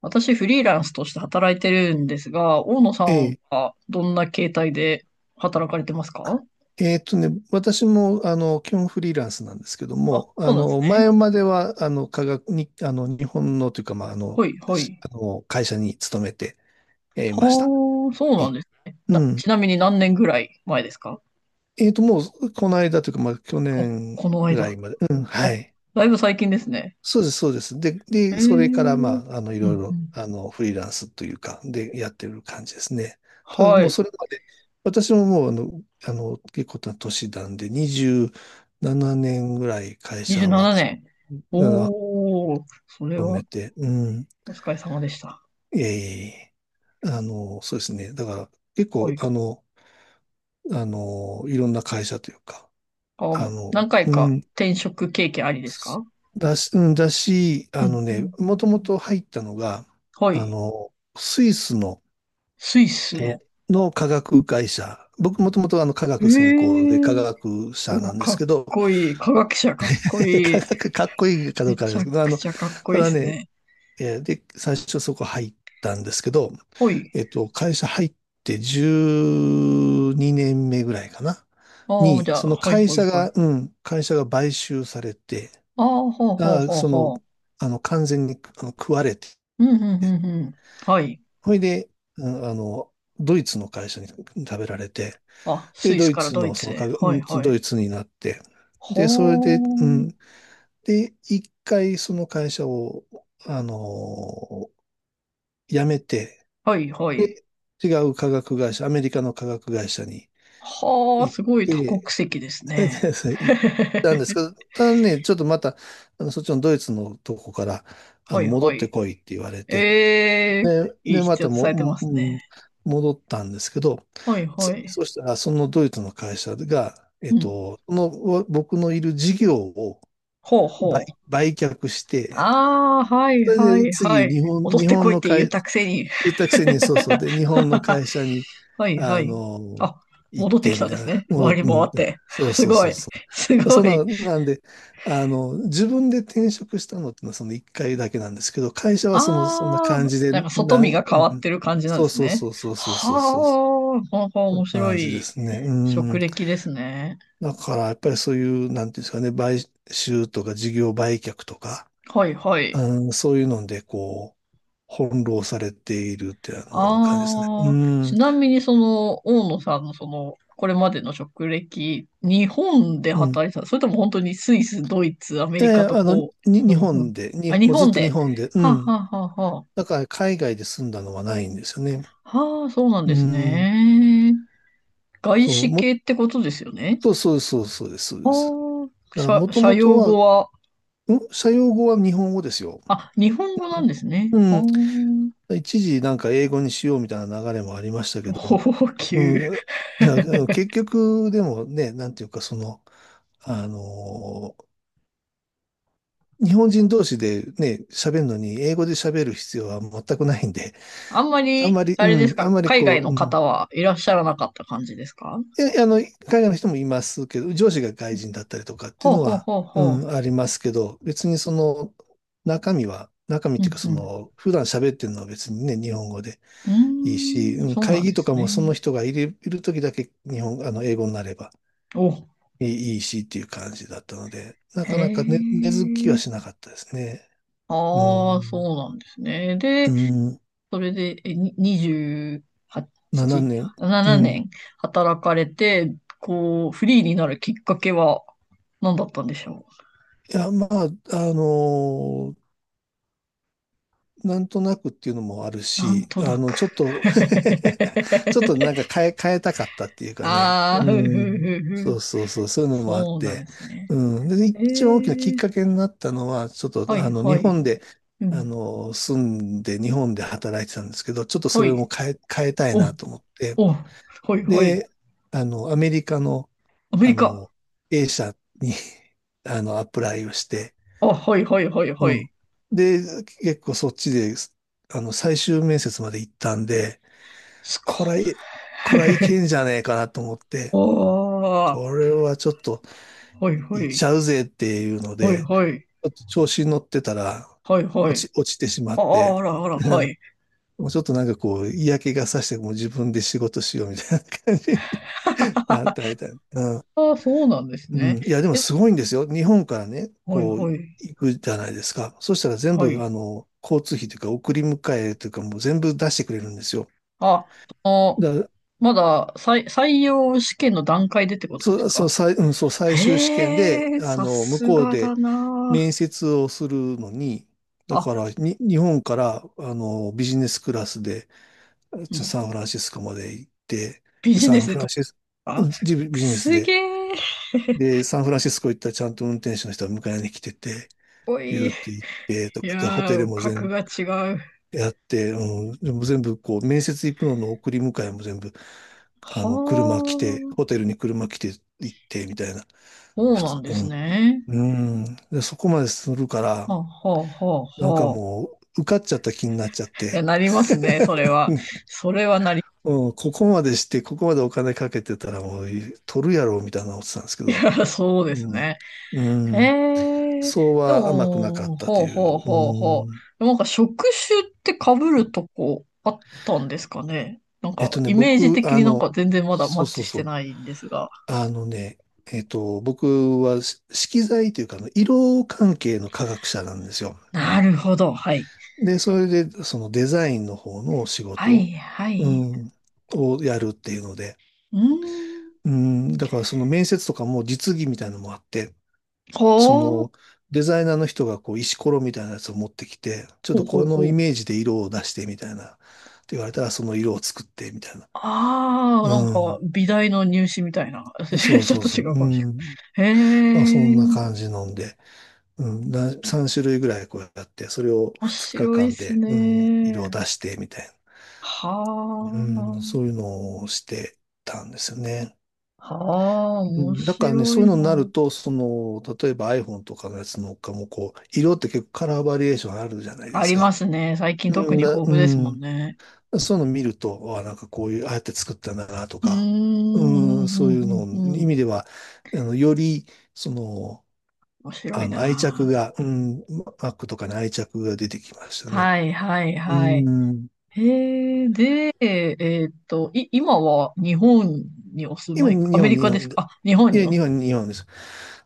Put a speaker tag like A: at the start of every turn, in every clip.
A: 私、フリーランスとして働いてるんですが、大野さ
B: え
A: ん
B: え、
A: はどんな形態で働かれてますか？
B: 私も、基本フリーランスなんですけど
A: あ、
B: も、
A: そうなんですね。
B: 前までは、科学に、日本のというか、まあ、あ
A: は
B: の、
A: い、は
B: し
A: い。
B: あの、会社に勤めて、いました。
A: はあ、そう
B: え、
A: なんですね。
B: うん。
A: ちなみに何年ぐらい前ですか？
B: もう、この間というか、まあ、去
A: あ、
B: 年
A: この
B: ぐら
A: 間。
B: いまで、うん、
A: あ、
B: はい。
A: だいぶ最近ですね。
B: そうです、そうです。で、
A: へ
B: で、
A: え。う
B: それから、ま
A: ん
B: あ、い
A: う
B: ろいろ、
A: ん。
B: フリーランスというか、で、やってる感じですね。ただ、
A: は
B: もう
A: い。
B: それまで、私ももう、結構な年なんで、27年ぐらい会
A: 27
B: 社は、
A: 年。
B: の、
A: おー、それ
B: 勤
A: は
B: めて、うん、
A: お疲れ様でした。
B: ええそうですね。だから、結
A: は
B: 構、
A: い。
B: いろんな会社というか、
A: あ、も
B: あ
A: う
B: の、
A: 何回
B: う
A: か
B: ん、
A: 転職経験ありです
B: す
A: か？
B: だし、うんだし、
A: う
B: あ
A: ん
B: の
A: う
B: ね、
A: ん。
B: もともと入ったのが、
A: はい。
B: スイスの、
A: スイス
B: え
A: の。
B: の化学会社。僕もともと化
A: え
B: 学専攻で化
A: え。
B: 学者
A: お、
B: なんで
A: か
B: す
A: っ
B: けど、
A: こいい。科学者かっこ い
B: 化
A: い。
B: 学かっこいいかど
A: め
B: うかあれ
A: ち
B: で
A: ゃ
B: すけど、
A: くちゃかっこ
B: た
A: いいで
B: だ
A: す
B: ね、
A: ね。
B: えーで、最初そこ入ったんですけど、
A: ほい。
B: 会社入って12年目ぐらいかな、
A: ああ、じゃあ、
B: その
A: はい
B: 会
A: はい
B: 社
A: はい。
B: が、買収されて、
A: ああ、ほうほう
B: が、
A: ほう
B: その、
A: ほ
B: あの、完全に食われて、
A: う。うん、うん、うん、うん。はい。
B: ほいで、うんあの、ドイツの会社に食べられて、
A: あ、ス
B: で、
A: イ
B: ド
A: ス
B: イ
A: から
B: ツ
A: ドイ
B: の、そ
A: ツ
B: の
A: へ。
B: か、う
A: はい
B: ん
A: は
B: ド
A: い。
B: イツになって、
A: ほ
B: で、それで、う
A: ー。
B: ん、で、一回その会社を、あの、辞めて、
A: はいはい。
B: 違う化学会社、アメリカの化学会社に
A: はあ、
B: 行っ
A: すごい多国
B: て、
A: 籍です ね。
B: 行ったんです けど、ただね、ちょっとまた、そっちのドイツのとこから、
A: はい
B: 戻
A: は
B: って
A: い。
B: こいって言われて、
A: ええ、
B: で、ま
A: 必要
B: た
A: とされてま
B: も、
A: す
B: も
A: ね。
B: 戻ったんですけど、
A: はいは
B: 次、
A: い。
B: そしたら、そのドイツの会社が、
A: うん。
B: その、僕のいる事業を
A: ほう
B: 売、
A: ほう。
B: 売却して、
A: ああ、はい
B: それ
A: は
B: で
A: いは
B: 次、
A: い。
B: 日本、
A: 戻っ
B: 日
A: て
B: 本
A: こいっ
B: の
A: て言っ
B: 会、
A: たくせに。
B: 言ったくせに、そうそう。で、日本の会社に、
A: はいは
B: あ
A: い。
B: の、
A: あ、
B: 行っ
A: 戻って
B: て、
A: きた
B: み
A: んで
B: たい
A: す
B: な。
A: ね。
B: も
A: 回
B: う、
A: り回
B: うん、
A: って。
B: そう
A: す
B: そう
A: ご
B: そう
A: い。
B: そ
A: す
B: う。
A: ご
B: そん
A: い。
B: な、なんで、自分で転職したのってのはその一回だけなんですけど、会社はその、そんな
A: あ
B: 感
A: あ、
B: じで、
A: なんか外見が変
B: う
A: わっ
B: ん、
A: てる感じなん
B: そ
A: で
B: う
A: す
B: そう
A: ね。
B: そうそうそうそ
A: は
B: うそう。そ
A: あ、はあ、
B: んな
A: 面白
B: 感じで
A: い
B: すね。うん。
A: 職歴ですね。
B: だから、やっぱりそういう、なんていうんですかね、買収とか事業売却とか、
A: はいは
B: う
A: い。
B: ん、そういうので、こう、翻弄されているって、感じですね。う
A: ああ、
B: ん。
A: ちなみにその、大野さんのその、これまでの職歴、日本で
B: うん。
A: 働いてた、それとも本当にスイス、ドイツ、アメ
B: い
A: リ
B: やい
A: カ
B: や、
A: と
B: あの、
A: こ
B: に、
A: う、
B: 日
A: うんうん。
B: 本で、に、
A: あ、日
B: もうずっ
A: 本
B: と日
A: で。
B: 本で、う
A: はあ、
B: ん。
A: はあ、はあ、は
B: だから海外で住んだのはないんですよね。
A: あ。はあ、そうなん
B: う
A: です
B: ん。
A: ね。外
B: そう、
A: 資
B: も、
A: 系ってことですよね。
B: そうそうそうそうです、そう
A: あ
B: です。
A: あ、
B: だから
A: 社、
B: もと
A: 社
B: もと
A: 用
B: は、
A: 語は、
B: 社用語は日本語ですよ。
A: あ、日本語なんですね。
B: うん。
A: は
B: 一時なんか英語にしようみたいな流れもありましたけ
A: あ、
B: ど、
A: 高
B: う
A: 級。
B: ん。だから結局、でもね、なんていうか、その、あのー日本人同士でね、喋るのに、英語で喋る必要は全くないんで、
A: あんま
B: あんま
A: り、
B: り、
A: あ
B: う
A: れです
B: ん、あ
A: か、
B: んまり
A: 海
B: こ
A: 外
B: う、
A: の
B: うん。
A: 方はいらっしゃらなかった感じですか？
B: え、あの、海外の人もいますけど、上司が外人だったりとかって
A: ほ
B: いう
A: う
B: の
A: ほう
B: は、
A: ほう
B: う
A: ほう。
B: ん、ありますけど、別にその、中身っ
A: う
B: ていう
A: ん
B: かそ
A: うん。
B: の、普段喋ってるのは別にね、日本語で
A: うー
B: いいし、
A: ん、
B: うん、
A: そうな
B: 会
A: ん
B: 議
A: で
B: と
A: す
B: かも
A: ね。
B: その人がいる時だけ日本、あの、英語になれば
A: お、
B: いいしっていう感じだったので、な
A: へ
B: かなかね、根付きは
A: え。
B: しなかったですね。う
A: ああ、
B: ん、
A: そうなんですね。
B: う
A: で、
B: ん、
A: それで、に
B: 7
A: 28、
B: 年、う
A: 7
B: ん。い
A: 年働かれて、こう、フリーになるきっかけは何だったんでしょ
B: や、まあ、あのなんとなくっていうのもある
A: う？なん
B: し、
A: となく。
B: ちょっと ちょっとなんか変えたかったっていうかね。
A: ああ、
B: う
A: ふふふ
B: ん。そ
A: ふ。
B: うそうそう、そういうのもあっ
A: そうなんで
B: て。
A: すね。
B: うん。で、
A: え
B: 一番大きなきっ
A: え、
B: かけになったのは、ちょっと、
A: はい
B: 日
A: はい。
B: 本で、
A: うん。
B: 住んで、日本で働いてたんですけど、ちょっとそ
A: は
B: れ
A: い。
B: も変えたい
A: お、
B: なと思って。
A: お、はいはい。
B: で、アメリカの、
A: アメ
B: あ
A: リカ。
B: の、A 社に アプライをして、
A: あ、はいはいはいは
B: う
A: い。
B: ん。で、結構そっちで、最終面接まで行ったんで、
A: すごい。
B: これ、これはい けんじゃねえかなと思っ
A: あ
B: て、
A: あ、
B: これはちょっと
A: はいは
B: 行っ
A: い。
B: ちゃうぜっていうの
A: はい
B: で、
A: はい。
B: ちょっと調子に乗ってたら、
A: はいはい。
B: 落ちてしまっ
A: あ
B: て、
A: あ、あらあら、は い。
B: もうちょっとなんかこう、嫌気がさして、もう自分で仕事しようみたいな感じになったみたいな。
A: ああ、そうなんです
B: うん。
A: ね。
B: いや、でも
A: え、
B: すごいんですよ。日本からね、
A: はい
B: こう、
A: はい。
B: 行くじゃないですか。そしたら全
A: は
B: 部、
A: い。
B: 交通費というか、送り迎えというか、もう全部出してくれるんですよ。
A: あ、その、
B: だから、
A: まだ採用試験の段階でってことです
B: そう、そう、
A: か？
B: 最終試験で、
A: へえ、さ
B: 向
A: す
B: こう
A: がだ
B: で
A: な
B: 面接をするのに、だ
A: あ。
B: か
A: あ、
B: ら、日本から、ビジネスクラスで、
A: うん。
B: サンフランシスコまで行って、
A: ビ
B: で、
A: ジ
B: サ
A: ネ
B: ン
A: スで
B: フラン
A: 取っ
B: シス、う
A: た。
B: んビジネス
A: すげ
B: で、
A: え。
B: で、サンフランシスコ行ったらちゃんと運転手の人が迎えに来てて、
A: お
B: ピ
A: い。
B: ューって行ってと
A: い
B: かって、ホテ
A: や
B: ル
A: ー、
B: も
A: 格
B: 全
A: が違う。
B: 部やって、うん、でも全部こう、面接行くのの送り迎えも全部、
A: は
B: 車来て、
A: あ、
B: ホテルに車来て行ってみたいな。
A: そう
B: 普
A: な
B: 通
A: んですね。
B: で、そこまでするから、
A: ほうほうほう
B: なんか
A: ほう。
B: もう、受かっちゃった気になっちゃっ
A: いや、
B: て、
A: なりますね、それは。それはなり、
B: うん、ここまでして、ここまでお金かけてたらもう、取るやろ、みたいな思ってたんですけど、
A: そうです
B: うん、
A: ね。へ
B: うん、
A: え、
B: そう
A: で
B: は甘くなかっ
A: も、
B: たと
A: ほう
B: い
A: ほう
B: う、
A: ほうほ
B: うん、
A: う。なんか職種って被るとこあったんですかね。なんか、イメージ
B: 僕、
A: 的になんか全然まだマ
B: そう
A: ッ
B: そ
A: チ
B: う
A: し
B: そ
A: て
B: う。
A: ないんですが。
B: あのね、僕は色彩というか、色関係の科学者なんですよ。
A: なるほど、はい。
B: で、それで、そのデザインの方の仕
A: はい、
B: 事、
A: は
B: う
A: い。
B: ん、をやるっていうので、
A: うーん、
B: うん、だからその面接とかも実技みたいなのもあって、そ
A: ほう、
B: のデザイナーの人がこう石ころみたいなやつを持ってきて、ちょっ
A: ほ
B: と
A: うほ
B: こ
A: う
B: の
A: ほ
B: イ
A: う。
B: メージで色を出してみたいな、って言われたらその色を作ってみたいな。
A: ああ、なん
B: う
A: か、美大の入試みたいな。
B: ん、そう
A: ちょっ
B: そう
A: と
B: そう。
A: 違う
B: う
A: かもし
B: ん、
A: れない。
B: まあ、そ
A: へ
B: ん
A: え。
B: な感じなんで。うん、3種類ぐらいこうやって、それを
A: 面
B: 2
A: 白
B: 日
A: いっ
B: 間
A: す
B: で、うん、色を
A: ね。
B: 出して、みたい
A: は
B: な、うん、そういうのをしてたんですよね。
A: あ、はあ、
B: う
A: 面
B: ん、だからね、
A: 白
B: そう
A: い
B: いうのに
A: な。
B: なると、その、例えば iPhone とかのやつのかも、こう、色って結構カラーバリエーションあるじゃないで
A: あ
B: す
A: りま
B: か。
A: すね。最近
B: う
A: 特
B: ん
A: に豊
B: だ、う
A: 富ですもん
B: ん、
A: ね。
B: そういうの見ると、あ、なんかこういう、ああやって作ったんだな、と
A: うーん、
B: か、
A: う
B: うん、
A: ん
B: そう
A: う
B: いうの、
A: んうんう
B: 意
A: ん。
B: 味では、より、その、
A: 面白い
B: 愛着
A: な。
B: が、うん、Mac とかに愛着が出てきましたね。
A: はい、はい、
B: う
A: はい。
B: ーん。
A: へえ、で、今は日本にお住
B: 今、
A: まい、アメリ
B: 日
A: カです
B: 本で。
A: か？あ、日本
B: い
A: に
B: や、
A: お、
B: 日本です。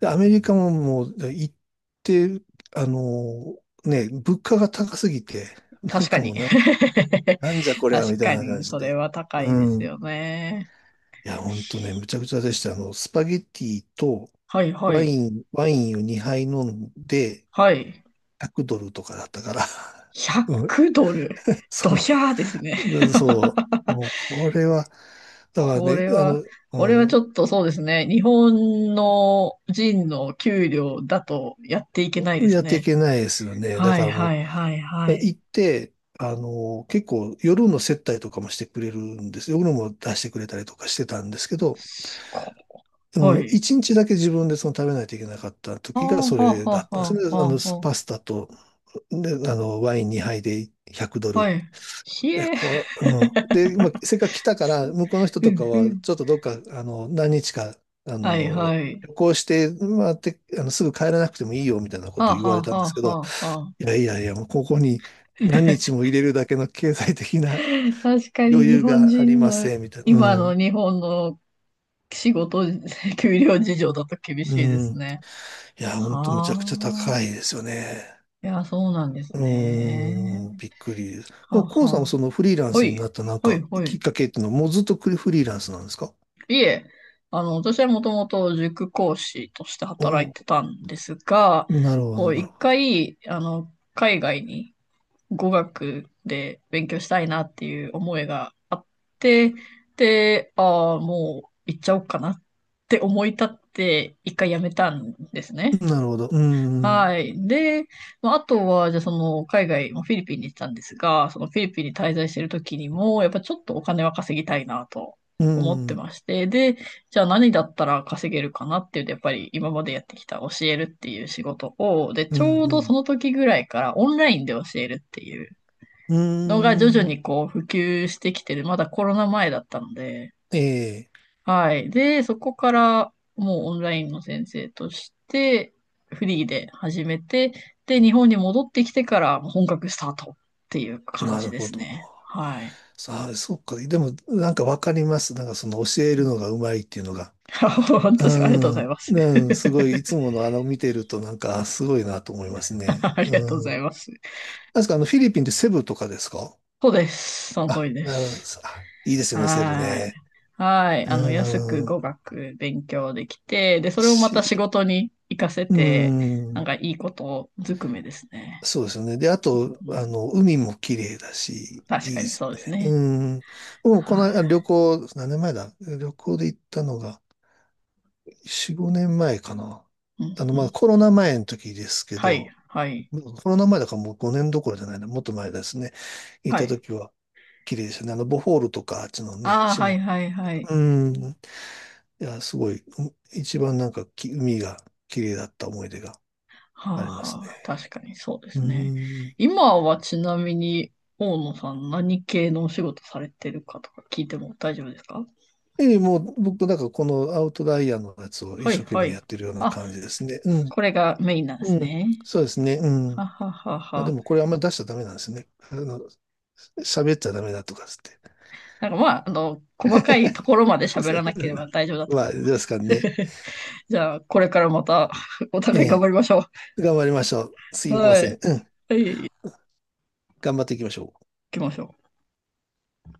B: で、アメリカももう、行って、あのね、物価が高すぎて、なん
A: 確か
B: かも
A: に。
B: うなんじゃこりゃ、み
A: 確
B: たい
A: か
B: な感
A: に、
B: じ
A: それ
B: で。
A: は高
B: う
A: いです
B: ん。
A: よね。
B: いや、ほんとね、むちゃくちゃでした。スパゲッティと
A: はい、はい、
B: ワインを2杯飲んで、
A: はい。
B: 100ドルとかだったから。うん。
A: 100ドル。ド
B: そ
A: ヒャーですね。
B: う。でそう。もう、これは、だから
A: こ
B: ね、
A: れは、これは
B: う
A: ち
B: ん
A: ょっとそうですね。日本の人の給料だとやっていけないで
B: や
A: す
B: ってい
A: ね。
B: けないですよね。だ
A: は
B: か
A: い
B: ら
A: は
B: も
A: いはい
B: う、
A: は
B: 行
A: い。
B: って、結構夜の接待とかもしてくれるんです夜も出してくれたりとかしてたんですけど、
A: すご
B: うん、
A: い。
B: 1日だけ自分でその食べないといけなかった
A: はあ
B: 時がそ
A: はあ
B: れだ
A: は
B: っ
A: あ
B: たんです
A: は
B: ね。
A: あはあは
B: パスタと、で、ワイン2杯で100ド
A: あ。
B: ル。
A: はい。ひえ。
B: これ、うん。で、まあ、せっかく来たか
A: す
B: ら、向こうの人
A: う
B: と
A: ん
B: か
A: う
B: は、
A: ん。
B: ちょっとどっか、何日か、あ
A: はい
B: の、
A: はい。
B: 旅行して、まあ、て、あの、すぐ帰らなくてもいいよ、みたいなこ
A: は
B: とを
A: あ
B: 言
A: は
B: われ
A: あ
B: た
A: は
B: んで
A: あ
B: すけど、
A: はあはあ。
B: いやいやいや、もうここに何日も入れるだけの経済的な
A: 確かに
B: 余
A: 日
B: 裕
A: 本
B: があり
A: 人
B: ま
A: の、
B: せん、みたいな。
A: 今
B: うん。
A: の日本の仕事、給料事情だと厳
B: う
A: しいで
B: ん。
A: すね。
B: いや、ほんとむち
A: あ
B: ゃくちゃ高
A: あ、
B: いですよね。
A: いや、そうなんです
B: うーん、
A: ね。
B: びっくりです。で
A: は
B: も、
A: あ
B: コウ
A: は
B: さんもそ
A: あ。
B: のフリーラン
A: ほ
B: スにな
A: い、
B: ったなん
A: ほい、
B: か
A: ほ
B: きっ
A: い。
B: かけっていうのはもうずっとフリーランスなんですか？
A: いえ、私はもともと塾講師として
B: お
A: 働いて
B: お
A: たんですが、
B: ー、なるほど、
A: こう、
B: なる
A: 一
B: ほ
A: 回、海外に語学で勉強したいなっていう思いがあって、で、ああ、もう行っちゃおうかなって思い立って、一回辞めたんですね。
B: ど。なるほど。うん、
A: はい。で、まあ、あとは、じゃあその、海外、まあフィリピンに行ってたんですが、そのフィリピンに滞在してる時にも、やっぱちょっとお金は稼ぎたいなと
B: うー
A: 思って
B: ん、
A: まして、で、じゃあ何だったら稼げるかなっていうと、やっぱり今までやってきた教えるっていう仕事を、で、
B: う
A: ち
B: ー
A: ょうど
B: ん、
A: その時ぐらいからオンラインで教えるっていう
B: うー
A: のが徐々
B: ん、うーん
A: にこう普及してきてる、まだコロナ前だったので、
B: え
A: はい。で、そこからもうオンラインの先生としてフリーで始めて、で、日本に戻ってきてから本格スタートっていう
B: え、
A: 感
B: な
A: じ
B: る
A: で
B: ほ
A: す
B: ど。
A: ね。はい。
B: ああ、そっか。でも、なんかわかります。なんかその教えるのがうまいっていうのが。
A: 本
B: う
A: 当ですか？ありがとうござい
B: ん。
A: ます。
B: う ん、すごい、いつもの見てるとなんか、あすごいなと思いますね。
A: ありがとうご
B: う
A: ざい
B: ん。
A: ます。
B: 確かフィリピンってセブとかですか
A: そうです。その通
B: あ？
A: りで
B: なるほど。
A: す。
B: あ、いいですよね、セブ
A: は
B: ね。
A: い。はい。安く
B: うん。
A: 語学勉強できて、で、それをま
B: し、
A: た仕事に活かせ
B: う
A: て、なん
B: ん。
A: かいいことずくめですね。
B: そうですよね。で、あと、
A: うん、
B: 海も綺麗だし、
A: 確
B: いい
A: か
B: で
A: に
B: す
A: そうで
B: よ
A: す
B: ね。
A: ね。
B: うん。もうこの
A: は
B: 間旅行、何年前だ？旅行で行ったのが、4、5年前かな。
A: い。うんう
B: まあ
A: ん。
B: コロナ前の時ですけ
A: はい、
B: ど、
A: はい、
B: コロナ前だからもう5年どころじゃないな、もっと前ですね。行っ
A: は
B: た
A: い。
B: 時は綺麗でしたね。ボホールとか、あっちのね、
A: ああ、は
B: 島。
A: い、はい、はい。
B: うん。いや、すごい、うん一番なんか海が綺麗だった思い出が
A: はあ、
B: ありますね。
A: はあ、確かにそうで
B: う
A: すね。
B: ん。
A: 今はちなみに、大野さん何系のお仕事されてるかとか聞いても大丈夫ですか？
B: ええ、もう僕なんかこのアウトライヤーのやつを一
A: はい、
B: 生懸
A: は
B: 命
A: い。
B: やってるような
A: あ、
B: 感じですね。うん。
A: これがメインなんで
B: う
A: す
B: ん。
A: ね。
B: そうですね。う
A: は
B: ん。
A: はは
B: まあ、で
A: は。
B: もこれあんま出しちゃダメなんですね。喋っちゃダメだとかっつっ
A: なんかまあ、細かいところまで喋らなければ 大丈夫だと
B: ま
A: 思い
B: あ、ど
A: ま
B: うです
A: す。
B: かね。
A: じゃあ、これからまた お
B: え
A: 互い頑張
B: え。
A: りましょ
B: 頑張りましょう。す
A: う。
B: いま
A: はい、
B: せ
A: 行
B: ん。うん。頑張っていきましょう。
A: きましょう。